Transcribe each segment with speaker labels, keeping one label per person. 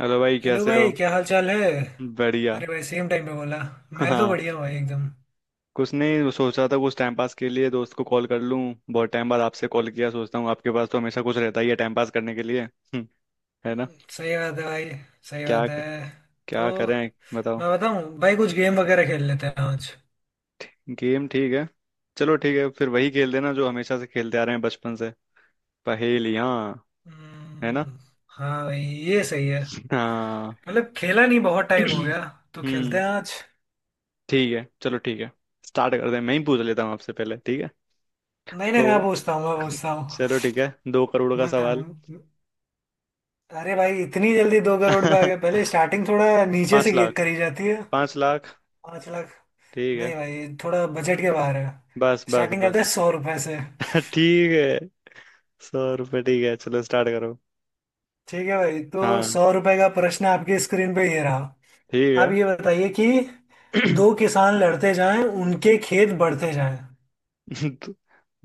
Speaker 1: Hello भाई,
Speaker 2: hello
Speaker 1: कैसे हो।
Speaker 2: भाई, क्या हाल चाल है।
Speaker 1: बढ़िया।
Speaker 2: अरे भाई, सेम टाइम पे बोला। मैं तो
Speaker 1: हाँ,
Speaker 2: बढ़िया हूँ भाई एकदम।
Speaker 1: कुछ नहीं। वो सोच रहा था कुछ टाइम पास के लिए दोस्त को कॉल कर लूँ। बहुत टाइम बाद आपसे कॉल किया। सोचता हूँ आपके पास तो हमेशा कुछ रहता ही है टाइम पास करने के लिए। है ना।
Speaker 2: सही बात है भाई। सही
Speaker 1: क्या?
Speaker 2: बात है। तो
Speaker 1: क्या करें बताओ।
Speaker 2: मैं बताऊँ भाई, कुछ गेम वगैरह खेल लेते हैं आज।
Speaker 1: गेम ठीक है। चलो ठीक है, फिर वही खेल देना जो हमेशा से खेलते आ रहे हैं बचपन से। पहेलियाँ। है ना।
Speaker 2: हम्म। हाँ भाई, ये सही है।
Speaker 1: हाँ।
Speaker 2: मतलब खेला नहीं, बहुत टाइम हो गया। तो खेलते
Speaker 1: हम्म
Speaker 2: हैं आज।
Speaker 1: ठीक है। चलो ठीक है, स्टार्ट कर दे। मैं ही पूछ लेता हूँ आपसे पहले, ठीक है।
Speaker 2: नहीं नहीं, मैं
Speaker 1: तो
Speaker 2: पूछता हूँ, मैं पूछता
Speaker 1: चलो
Speaker 2: हूँ।
Speaker 1: ठीक है। 2 करोड़ का सवाल।
Speaker 2: मैं... अरे भाई, इतनी जल्दी दो करोड़ पे आ गए? पहले स्टार्टिंग थोड़ा नीचे
Speaker 1: पाँच
Speaker 2: से
Speaker 1: लाख
Speaker 2: करी जाती है।
Speaker 1: 5 लाख
Speaker 2: पाँच लाख।
Speaker 1: ठीक है।
Speaker 2: नहीं भाई, थोड़ा बजट के बाहर है।
Speaker 1: बस बस
Speaker 2: स्टार्टिंग करते हैं
Speaker 1: बस।
Speaker 2: सौ रुपए से।
Speaker 1: ठीक है। 100 रुपये ठीक है, चलो स्टार्ट करो।
Speaker 2: ठीक है भाई, तो
Speaker 1: हाँ
Speaker 2: सौ रुपए का प्रश्न आपकी स्क्रीन पे ये रहा।
Speaker 1: ठीक
Speaker 2: आप
Speaker 1: है।
Speaker 2: ये बताइए कि दो किसान लड़ते जाएं, उनके खेत बढ़ते जाएं।
Speaker 1: दो,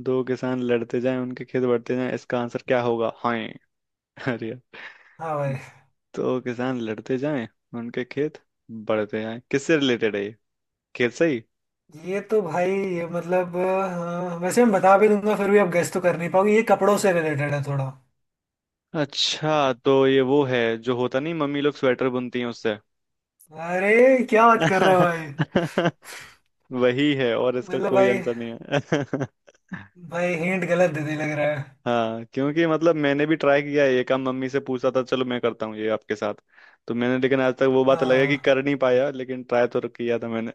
Speaker 1: दो किसान लड़ते जाएं उनके खेत बढ़ते जाएं, इसका आंसर क्या होगा। हाँ। अरे यार।
Speaker 2: हाँ भाई।
Speaker 1: दो किसान लड़ते जाएं, उनके खेत बढ़ते जाएं, किससे रिलेटेड है ये। खेत से ही।
Speaker 2: ये तो भाई, ये मतलब वैसे मैं बता भी दूंगा, फिर भी आप गेस तो कर नहीं पाओगे। ये कपड़ों से रिलेटेड है थोड़ा।
Speaker 1: अच्छा, तो ये वो है जो होता नहीं मम्मी लोग स्वेटर बुनती हैं उससे।
Speaker 2: अरे क्या बात कर रहे हो भाई।
Speaker 1: वही है और इसका
Speaker 2: मतलब
Speaker 1: कोई
Speaker 2: भाई।
Speaker 1: आंसर नहीं है।
Speaker 2: भाई हिंट गलत दे दी, लग रहा है।
Speaker 1: हाँ, क्योंकि मतलब मैंने भी ट्राई किया है ये काम, मम्मी से पूछा था। चलो मैं करता हूँ ये आपके साथ। तो मैंने, लेकिन आज तक वो बात अलग है कि
Speaker 2: हाँ,
Speaker 1: कर नहीं पाया, लेकिन ट्राई तो किया था मैंने।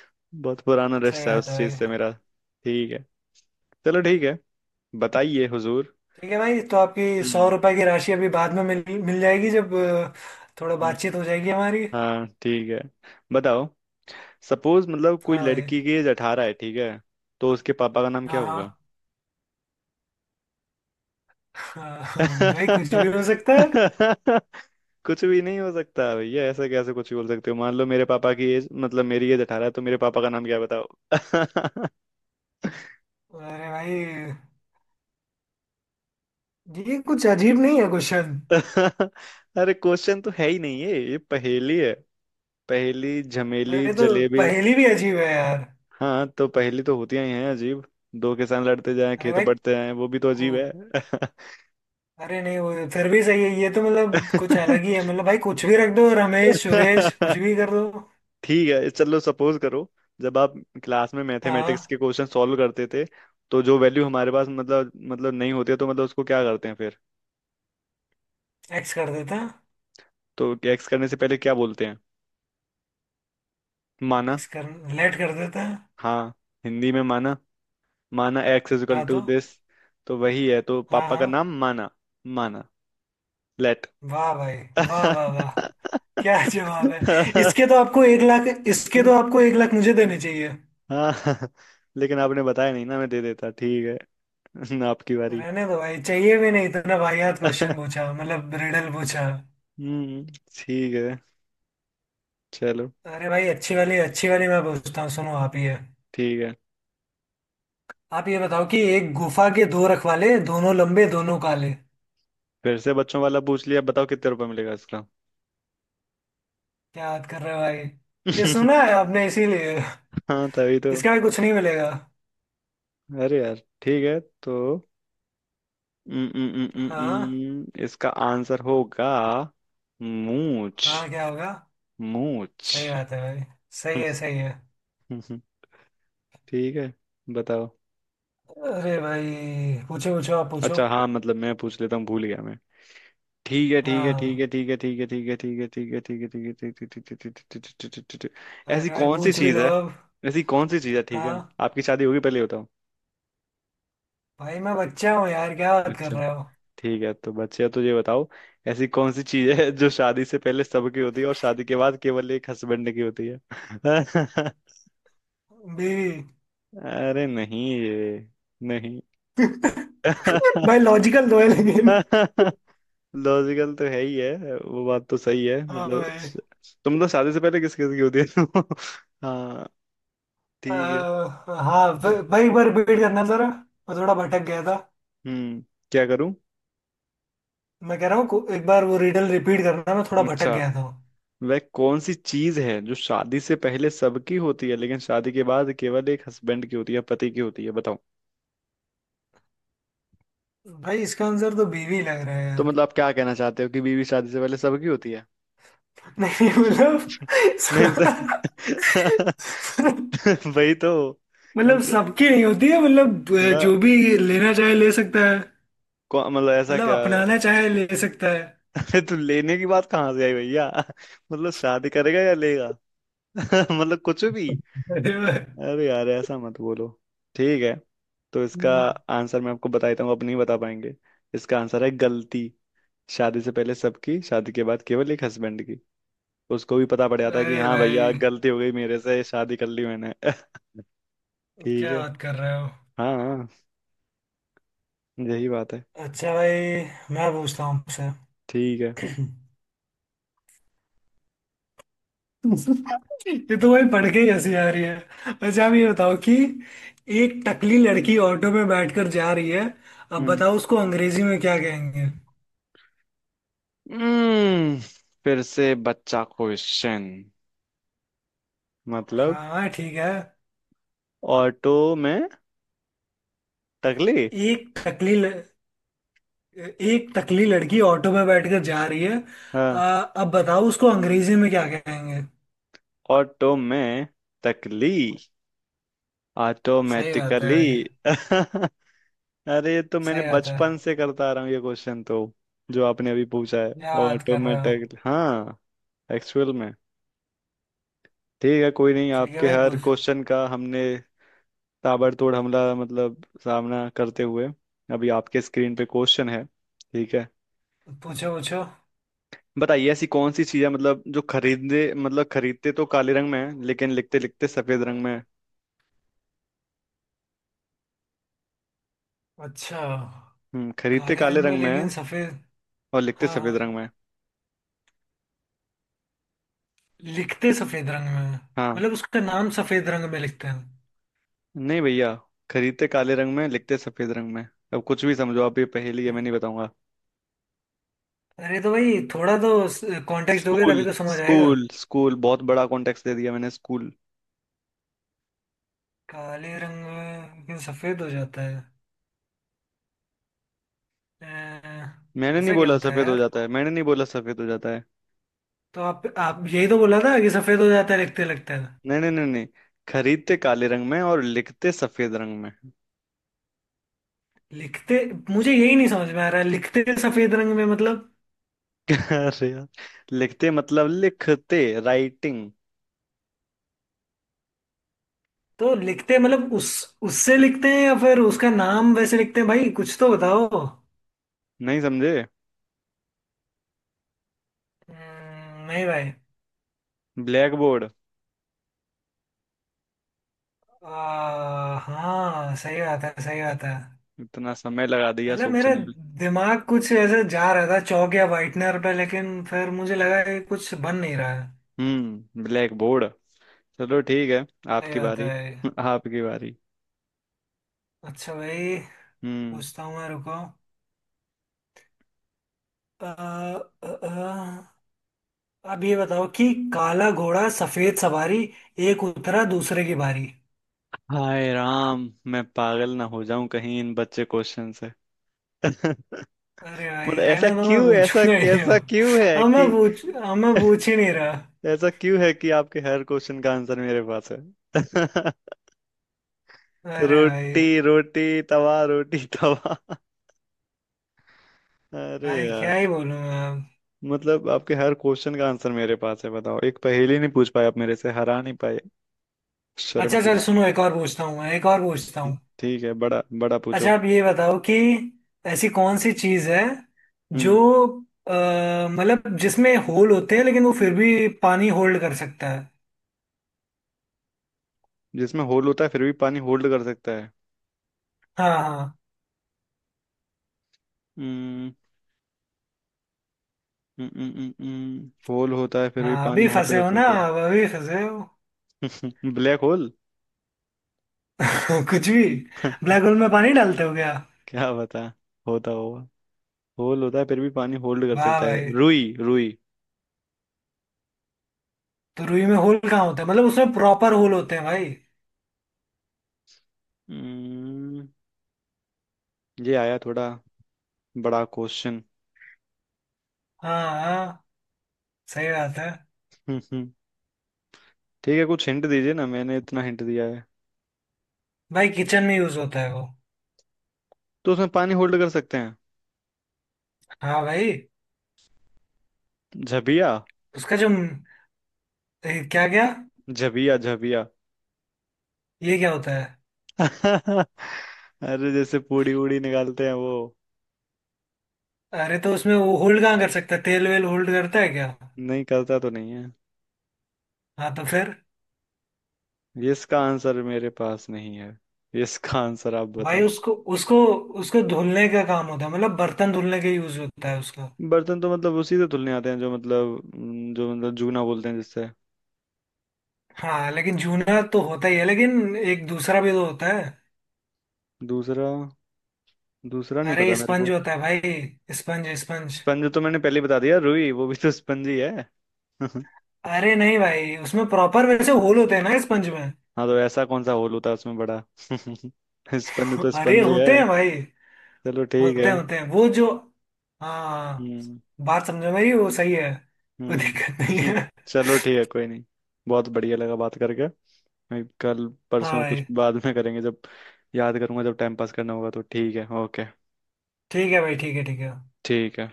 Speaker 1: बहुत पुराना
Speaker 2: सही
Speaker 1: रिश्ता है
Speaker 2: बात है
Speaker 1: उस चीज से
Speaker 2: भाई।
Speaker 1: मेरा। ठीक है, चलो ठीक है। बताइए हुजूर।
Speaker 2: ठीक है भाई, तो आपकी सौ
Speaker 1: हम्म
Speaker 2: रुपए की राशि अभी बाद में मिल मिल जाएगी, जब थोड़ा
Speaker 1: हम्म,
Speaker 2: बातचीत हो जाएगी हमारी।
Speaker 1: हाँ ठीक है, बताओ। सपोज मतलब कोई
Speaker 2: हाँ भाई।
Speaker 1: लड़की की एज 18 है, ठीक है। तो उसके पापा का नाम
Speaker 2: हाँ
Speaker 1: क्या होगा।
Speaker 2: हाँ। हाँ, हाँ भाई, कुछ भी हो सकता है।
Speaker 1: कुछ भी नहीं हो सकता भैया। ऐसे कैसे कुछ भी बोल सकते हो। मान लो मेरे पापा की एज, मतलब मेरी एज 18 है, तो मेरे पापा का नाम क्या है बताओ।
Speaker 2: अरे भाई, ये कुछ अजीब नहीं है क्वेश्चन?
Speaker 1: अरे क्वेश्चन तो है ही नहीं है, ये पहेली है। पहेली झमेली
Speaker 2: अरे तो
Speaker 1: जलेबी।
Speaker 2: पहेली भी अजीब है यार।
Speaker 1: हाँ, तो पहेली तो होती ही हैं अजीब। दो किसान लड़ते जाएं,
Speaker 2: अरे
Speaker 1: खेत
Speaker 2: भाई,
Speaker 1: बढ़ते जाएं, वो भी तो
Speaker 2: को
Speaker 1: अजीब है।
Speaker 2: अरे नहीं, वो फिर भी सही है। ये तो मतलब कुछ अलग ही है, मतलब भाई कुछ भी रख दो, रमेश सुरेश, कुछ भी कर दो।
Speaker 1: ठीक है, चलो सपोज करो। जब आप क्लास में
Speaker 2: हाँ।
Speaker 1: मैथमेटिक्स के क्वेश्चन सॉल्व करते थे, तो जो वैल्यू हमारे पास मतलब नहीं होती है, तो मतलब उसको क्या करते हैं फिर।
Speaker 2: एक्स कर देता।
Speaker 1: तो एक्स करने से पहले क्या बोलते हैं। माना।
Speaker 2: एक्स कर लेट कर देता।
Speaker 1: हाँ, हिंदी में माना। माना एक्स इज इक्वल
Speaker 2: हाँ
Speaker 1: टू
Speaker 2: तो।
Speaker 1: दिस। तो वही है, तो
Speaker 2: हाँ
Speaker 1: पापा का
Speaker 2: हाँ।
Speaker 1: नाम माना। माना, लेट।
Speaker 2: वाह भाई, वाह वाह वाह, क्या जवाब है। इसके तो आपको एक लाख इसके तो आपको एक लाख मुझे देने चाहिए।
Speaker 1: हाँ, लेकिन आपने बताया नहीं ना, मैं दे देता। ठीक है आपकी बारी।
Speaker 2: रहने दो भाई, चाहिए भी नहीं। इतना वाहियात क्वेश्चन पूछा, मतलब रिडल पूछा।
Speaker 1: हम्म ठीक है। चलो
Speaker 2: अरे भाई, अच्छी वाली मैं पूछता हूँ, सुनो।
Speaker 1: ठीक है।
Speaker 2: आप ये बताओ कि एक गुफा के दो रखवाले, दोनों लंबे दोनों काले।
Speaker 1: फिर से बच्चों वाला पूछ लिया, बताओ कितने रुपए मिलेगा इसका।
Speaker 2: क्या याद कर रहे हो भाई? ये सुना है आपने इसीलिए।
Speaker 1: हाँ तभी तो।
Speaker 2: इसका भी कुछ नहीं मिलेगा।
Speaker 1: अरे यार। ठीक है तो
Speaker 2: हाँ
Speaker 1: इसका आंसर होगा मूछ।
Speaker 2: हाँ, क्या होगा।
Speaker 1: मूछ।
Speaker 2: सही बात है भाई, सही
Speaker 1: हम्म,
Speaker 2: है सही है।
Speaker 1: हम्म, हम्म, ठीक है, बताओ।
Speaker 2: अरे भाई, पूछो पूछो, आप पूछो।
Speaker 1: अच्छा हाँ, मतलब मैं पूछ लेता हूँ, भूल गया मैं। ठीक है। ठीक है। ठीक है।
Speaker 2: हाँ।
Speaker 1: ठीक है। ठीक है। ठीक है। ठीक है। ठीक है। ठीक है। ठीक है। ठीक है। ठीक है। ठीक है,
Speaker 2: अरे
Speaker 1: ऐसी
Speaker 2: भाई,
Speaker 1: कौन सी
Speaker 2: पूछ भी
Speaker 1: चीज
Speaker 2: लो
Speaker 1: है।
Speaker 2: अब।
Speaker 1: ऐसी कौन सी चीज है, ठीक है।
Speaker 2: हाँ
Speaker 1: आपकी शादी होगी पहले।
Speaker 2: भाई, मैं बच्चा हूँ यार, क्या बात कर
Speaker 1: बताओ।
Speaker 2: रहे हो।
Speaker 1: ठीक है तो बच्चे, तो ये बताओ। ऐसी कौन सी चीज है जो शादी से पहले सबकी होती है और शादी के बाद केवल एक हस्बैंड की होती है।
Speaker 2: बीवी।
Speaker 1: अरे नहीं, ये नहीं।
Speaker 2: भाई लॉजिकल तो है लेकिन...
Speaker 1: लॉजिकल तो है ही है, वो बात तो सही है।
Speaker 2: हाँ भाई।
Speaker 1: तुम तो शादी से पहले किस किस की होती है। हाँ ठीक है।
Speaker 2: हाँ, भाई एक बार रिपीट करना जरा। मैं थोड़ा भटक गया था।
Speaker 1: हम्म क्या करूं।
Speaker 2: मैं कह रहा हूँ एक बार वो रिडल रिपीट करना, मैं थोड़ा भटक
Speaker 1: अच्छा,
Speaker 2: गया था।
Speaker 1: वह कौन सी चीज है जो शादी से पहले सबकी होती है लेकिन शादी के बाद केवल एक हस्बैंड की होती है, पति की होती है, बताओ।
Speaker 2: भाई इसका आंसर तो बीवी लग रहा है
Speaker 1: तो
Speaker 2: यार।
Speaker 1: मतलब आप क्या कहना चाहते हो कि बीवी शादी से पहले सबकी होती है।
Speaker 2: नहीं मतलब...
Speaker 1: नहीं तो। वही तो। कम
Speaker 2: मतलब
Speaker 1: से,
Speaker 2: सबकी नहीं होती है, मतलब
Speaker 1: थोड़ा,
Speaker 2: जो भी लेना चाहे ले सकता है।
Speaker 1: मतलब ऐसा
Speaker 2: मतलब
Speaker 1: क्या।
Speaker 2: अपनाना चाहे ले सकता है।
Speaker 1: अरे तू लेने की बात कहाँ से आई भैया। मतलब शादी करेगा या लेगा। मतलब कुछ भी।
Speaker 2: अरे वाह।
Speaker 1: अरे यार, ऐसा मत बोलो। ठीक है, तो इसका
Speaker 2: हम्म,
Speaker 1: आंसर मैं आपको बता देता हूँ, आप नहीं बता पाएंगे। इसका आंसर है गलती। शादी से पहले सबकी, शादी के बाद केवल एक हस्बैंड की। उसको भी पता पड़ जाता है कि
Speaker 2: अरे
Speaker 1: हाँ भैया,
Speaker 2: भाई,
Speaker 1: गलती हो गई, मेरे से शादी कर ली मैंने। ठीक
Speaker 2: क्या
Speaker 1: है।
Speaker 2: बात कर रहे हो।
Speaker 1: हाँ हाँ, यही बात है।
Speaker 2: अच्छा भाई, मैं पूछता हूँ आपसे।
Speaker 1: ठीक है।
Speaker 2: ये तो भाई, पढ़ के ही हंसी आ रही है। अच्छा आप ये बताओ कि एक टकली लड़की ऑटो में बैठकर जा रही है। अब
Speaker 1: हम्म
Speaker 2: बताओ उसको अंग्रेजी में क्या कहेंगे।
Speaker 1: हम्म, फिर से बच्चा क्वेश्चन। मतलब,
Speaker 2: हाँ ठीक है।
Speaker 1: ऑटो में तकली।
Speaker 2: एक टकली ल... एक टकली लड़की ऑटो में बैठकर जा रही है।
Speaker 1: हाँ।
Speaker 2: अब बताओ उसको अंग्रेजी में क्या कहेंगे।
Speaker 1: ऑटो में तकली।
Speaker 2: सही बात है
Speaker 1: ऑटोमेटिकली।
Speaker 2: भाई।
Speaker 1: अरे ये तो मैंने
Speaker 2: सही बात है।
Speaker 1: बचपन से करता आ रहा हूँ, ये क्वेश्चन तो जो आपने अभी पूछा है।
Speaker 2: क्या बात कर रहे हो।
Speaker 1: ऑटोमेटिक हाँ, एक्चुअल में। ठीक है कोई नहीं,
Speaker 2: ठीक है
Speaker 1: आपके
Speaker 2: भाई,
Speaker 1: हर क्वेश्चन का हमने ताबड़तोड़ हमला, मतलब सामना करते हुए। अभी आपके स्क्रीन पे क्वेश्चन है, ठीक है।
Speaker 2: पूछो पूछो।
Speaker 1: बताइए ऐसी कौन सी चीज है, मतलब जो खरीदते, खरीदते तो काले रंग में है लेकिन लिखते लिखते सफेद रंग में है।
Speaker 2: अच्छा।
Speaker 1: खरीदते
Speaker 2: काले
Speaker 1: काले
Speaker 2: रंग में
Speaker 1: रंग में है
Speaker 2: लेकिन सफेद।
Speaker 1: और लिखते
Speaker 2: हाँ
Speaker 1: सफेद
Speaker 2: हाँ।
Speaker 1: रंग में है।
Speaker 2: लिखते सफेद रंग में हैं।
Speaker 1: हाँ।
Speaker 2: मतलब उसका नाम सफेद रंग में लिखते हैं।
Speaker 1: नहीं भैया, खरीदते काले रंग में, लिखते सफेद रंग में। अब कुछ भी समझो आप, ये पहेली है, मैं नहीं बताऊंगा।
Speaker 2: अरे तो भाई, थोड़ा तो कॉन्टेक्स्ट दोगे
Speaker 1: स्कूल।
Speaker 2: तभी तो समझ आएगा।
Speaker 1: स्कूल। स्कूल बहुत बड़ा कॉन्टेक्स्ट दे दिया मैंने, स्कूल।
Speaker 2: काले रंग में लेकिन सफेद हो जाता है।
Speaker 1: मैंने नहीं
Speaker 2: ऐसा क्या
Speaker 1: बोला
Speaker 2: होता है
Speaker 1: सफेद हो
Speaker 2: यार।
Speaker 1: जाता है, मैंने नहीं बोला सफेद हो जाता है।
Speaker 2: तो आप यही तो बोला था कि सफेद हो जाता है लिखते लिखते।
Speaker 1: नहीं नहीं नहीं नहीं, खरीदते काले रंग में और लिखते सफेद रंग में।
Speaker 2: लिखते? मुझे यही नहीं समझ में आ रहा है, लिखते सफेद रंग में मतलब।
Speaker 1: अरे यार, लिखते मतलब लिखते राइटिंग।
Speaker 2: तो लिखते मतलब उस उससे लिखते हैं या फिर उसका नाम वैसे लिखते हैं, भाई कुछ तो बताओ।
Speaker 1: नहीं समझे।
Speaker 2: नहीं भाई।
Speaker 1: Black board.
Speaker 2: हाँ, सही बात है सही बात है।
Speaker 1: इतना समय लगा दिया
Speaker 2: मतलब मेरा
Speaker 1: सोचने में।
Speaker 2: दिमाग कुछ ऐसे जा रहा था चौक या वाइटनर पे, लेकिन फिर मुझे लगा कि कुछ बन नहीं रहा है।
Speaker 1: Black board. चलो ठीक है,
Speaker 2: सही
Speaker 1: आपकी
Speaker 2: बात
Speaker 1: बारी।
Speaker 2: है।
Speaker 1: आपकी बारी।
Speaker 2: अच्छा भाई।
Speaker 1: हम्म
Speaker 2: पूछता हूँ मैं, रुको। आ, आ, अब ये बताओ कि काला घोड़ा सफेद सवारी, एक उतरा दूसरे की बारी।
Speaker 1: हाय राम, मैं पागल ना हो जाऊं कहीं इन बच्चे क्वेश्चन से।
Speaker 2: अरे भाई
Speaker 1: मतलब,
Speaker 2: रहने,
Speaker 1: ऐसा
Speaker 2: तो मैं
Speaker 1: क्यों, ऐसा
Speaker 2: पूछूंगा ही नहीं
Speaker 1: कैसा क्यों
Speaker 2: अब।
Speaker 1: है कि।
Speaker 2: अब मैं पूछ ही नहीं रहा।
Speaker 1: ऐसा क्यों है कि आपके हर क्वेश्चन का आंसर मेरे पास है।
Speaker 2: अरे भाई।
Speaker 1: रोटी रोटी तवा रोटी। तवा। अरे
Speaker 2: भाई क्या
Speaker 1: यार,
Speaker 2: ही बोलूं मैं।
Speaker 1: मतलब आपके हर क्वेश्चन का आंसर मेरे पास है। बताओ, एक पहेली नहीं पूछ पाए आप, मेरे से हरा नहीं पाए, शर्म
Speaker 2: अच्छा
Speaker 1: की
Speaker 2: सर
Speaker 1: बात
Speaker 2: सुनो, एक और पूछता
Speaker 1: है।
Speaker 2: हूँ।
Speaker 1: ठीक है, बड़ा बड़ा पूछो।
Speaker 2: अच्छा आप ये बताओ कि ऐसी कौन सी चीज है जो
Speaker 1: हम्म
Speaker 2: अ, मतलब जिसमें होल होते हैं, लेकिन वो फिर भी पानी होल्ड कर सकता है।
Speaker 1: जिसमें होल होता है फिर भी पानी होल्ड कर सकता है।
Speaker 2: हाँ हाँ।
Speaker 1: हम्म होल होता है फिर भी
Speaker 2: हाँ,
Speaker 1: पानी
Speaker 2: अभी
Speaker 1: होल्ड
Speaker 2: फंसे
Speaker 1: कर
Speaker 2: हो ना
Speaker 1: सकता
Speaker 2: आप, अभी फंसे हो।
Speaker 1: है। Black hole.
Speaker 2: कुछ भी। ब्लैक होल में पानी डालते हो क्या?
Speaker 1: क्या बता, होता होगा। होल होता है फिर भी पानी होल्ड कर
Speaker 2: वाह
Speaker 1: सकता है।
Speaker 2: भाई।
Speaker 1: रुई रुई।
Speaker 2: तो रुई में होल कहाँ होता है, मतलब उसमें प्रॉपर होल होते हैं भाई।
Speaker 1: हम्म, ये आया थोड़ा बड़ा क्वेश्चन।
Speaker 2: हाँ हाँ। सही बात है।
Speaker 1: ठीक है, कुछ हिंट दीजिए ना, मैंने इतना हिंट दिया है।
Speaker 2: भाई किचन में यूज होता है वो।
Speaker 1: तो उसमें पानी होल्ड कर सकते हैं।
Speaker 2: हाँ भाई।
Speaker 1: झबिया।
Speaker 2: उसका जो क्या क्या...
Speaker 1: झबिया झबिया।
Speaker 2: ये क्या होता है?
Speaker 1: अरे जैसे पूड़ी उड़ी निकालते हैं वो।
Speaker 2: अरे तो उसमें वो होल्ड कहाँ कर सकता है, तेल वेल होल्ड करता है क्या?
Speaker 1: नहीं करता तो नहीं है।
Speaker 2: हाँ तो फिर...
Speaker 1: इसका आंसर मेरे पास नहीं है, इसका आंसर आप
Speaker 2: भाई
Speaker 1: बताओ।
Speaker 2: उसको उसको उसको धुलने का काम होता है, मतलब बर्तन धुलने का यूज होता है उसका।
Speaker 1: बर्तन तो मतलब उसी से धुलने आते हैं जो मतलब, जो मतलब जूना बोलते हैं जिससे।
Speaker 2: हाँ, लेकिन जूना तो होता ही है, लेकिन एक दूसरा भी तो होता है।
Speaker 1: दूसरा, दूसरा नहीं
Speaker 2: अरे
Speaker 1: पता मेरे
Speaker 2: स्पंज
Speaker 1: को।
Speaker 2: होता है भाई, स्पंज स्पंज।
Speaker 1: स्पंज तो मैंने पहले ही बता दिया, रुई वो भी तो स्पंज ही है।
Speaker 2: अरे नहीं भाई, उसमें प्रॉपर वैसे होल होते हैं ना, स्पंज में।
Speaker 1: हाँ, तो ऐसा कौन सा होल होता है उसमें बड़ा। स्पंज तो
Speaker 2: अरे
Speaker 1: स्पंज ही
Speaker 2: होते
Speaker 1: है।
Speaker 2: हैं भाई।
Speaker 1: चलो ठीक
Speaker 2: होते
Speaker 1: है।
Speaker 2: होते हैं वो जो... हाँ।
Speaker 1: हम्म
Speaker 2: बात समझो मेरी, वो सही है। कोई
Speaker 1: हम्म
Speaker 2: दिक्कत नहीं
Speaker 1: हम्म,
Speaker 2: है।
Speaker 1: चलो ठीक है, कोई नहीं। बहुत बढ़िया लगा बात करके। मैं कल
Speaker 2: हाँ
Speaker 1: परसों कुछ
Speaker 2: भाई,
Speaker 1: बाद में करेंगे, जब याद करूंगा, जब टाइम पास करना होगा तो। ठीक है, ओके।
Speaker 2: ठीक है भाई, ठीक है ठीक है।
Speaker 1: ठीक है।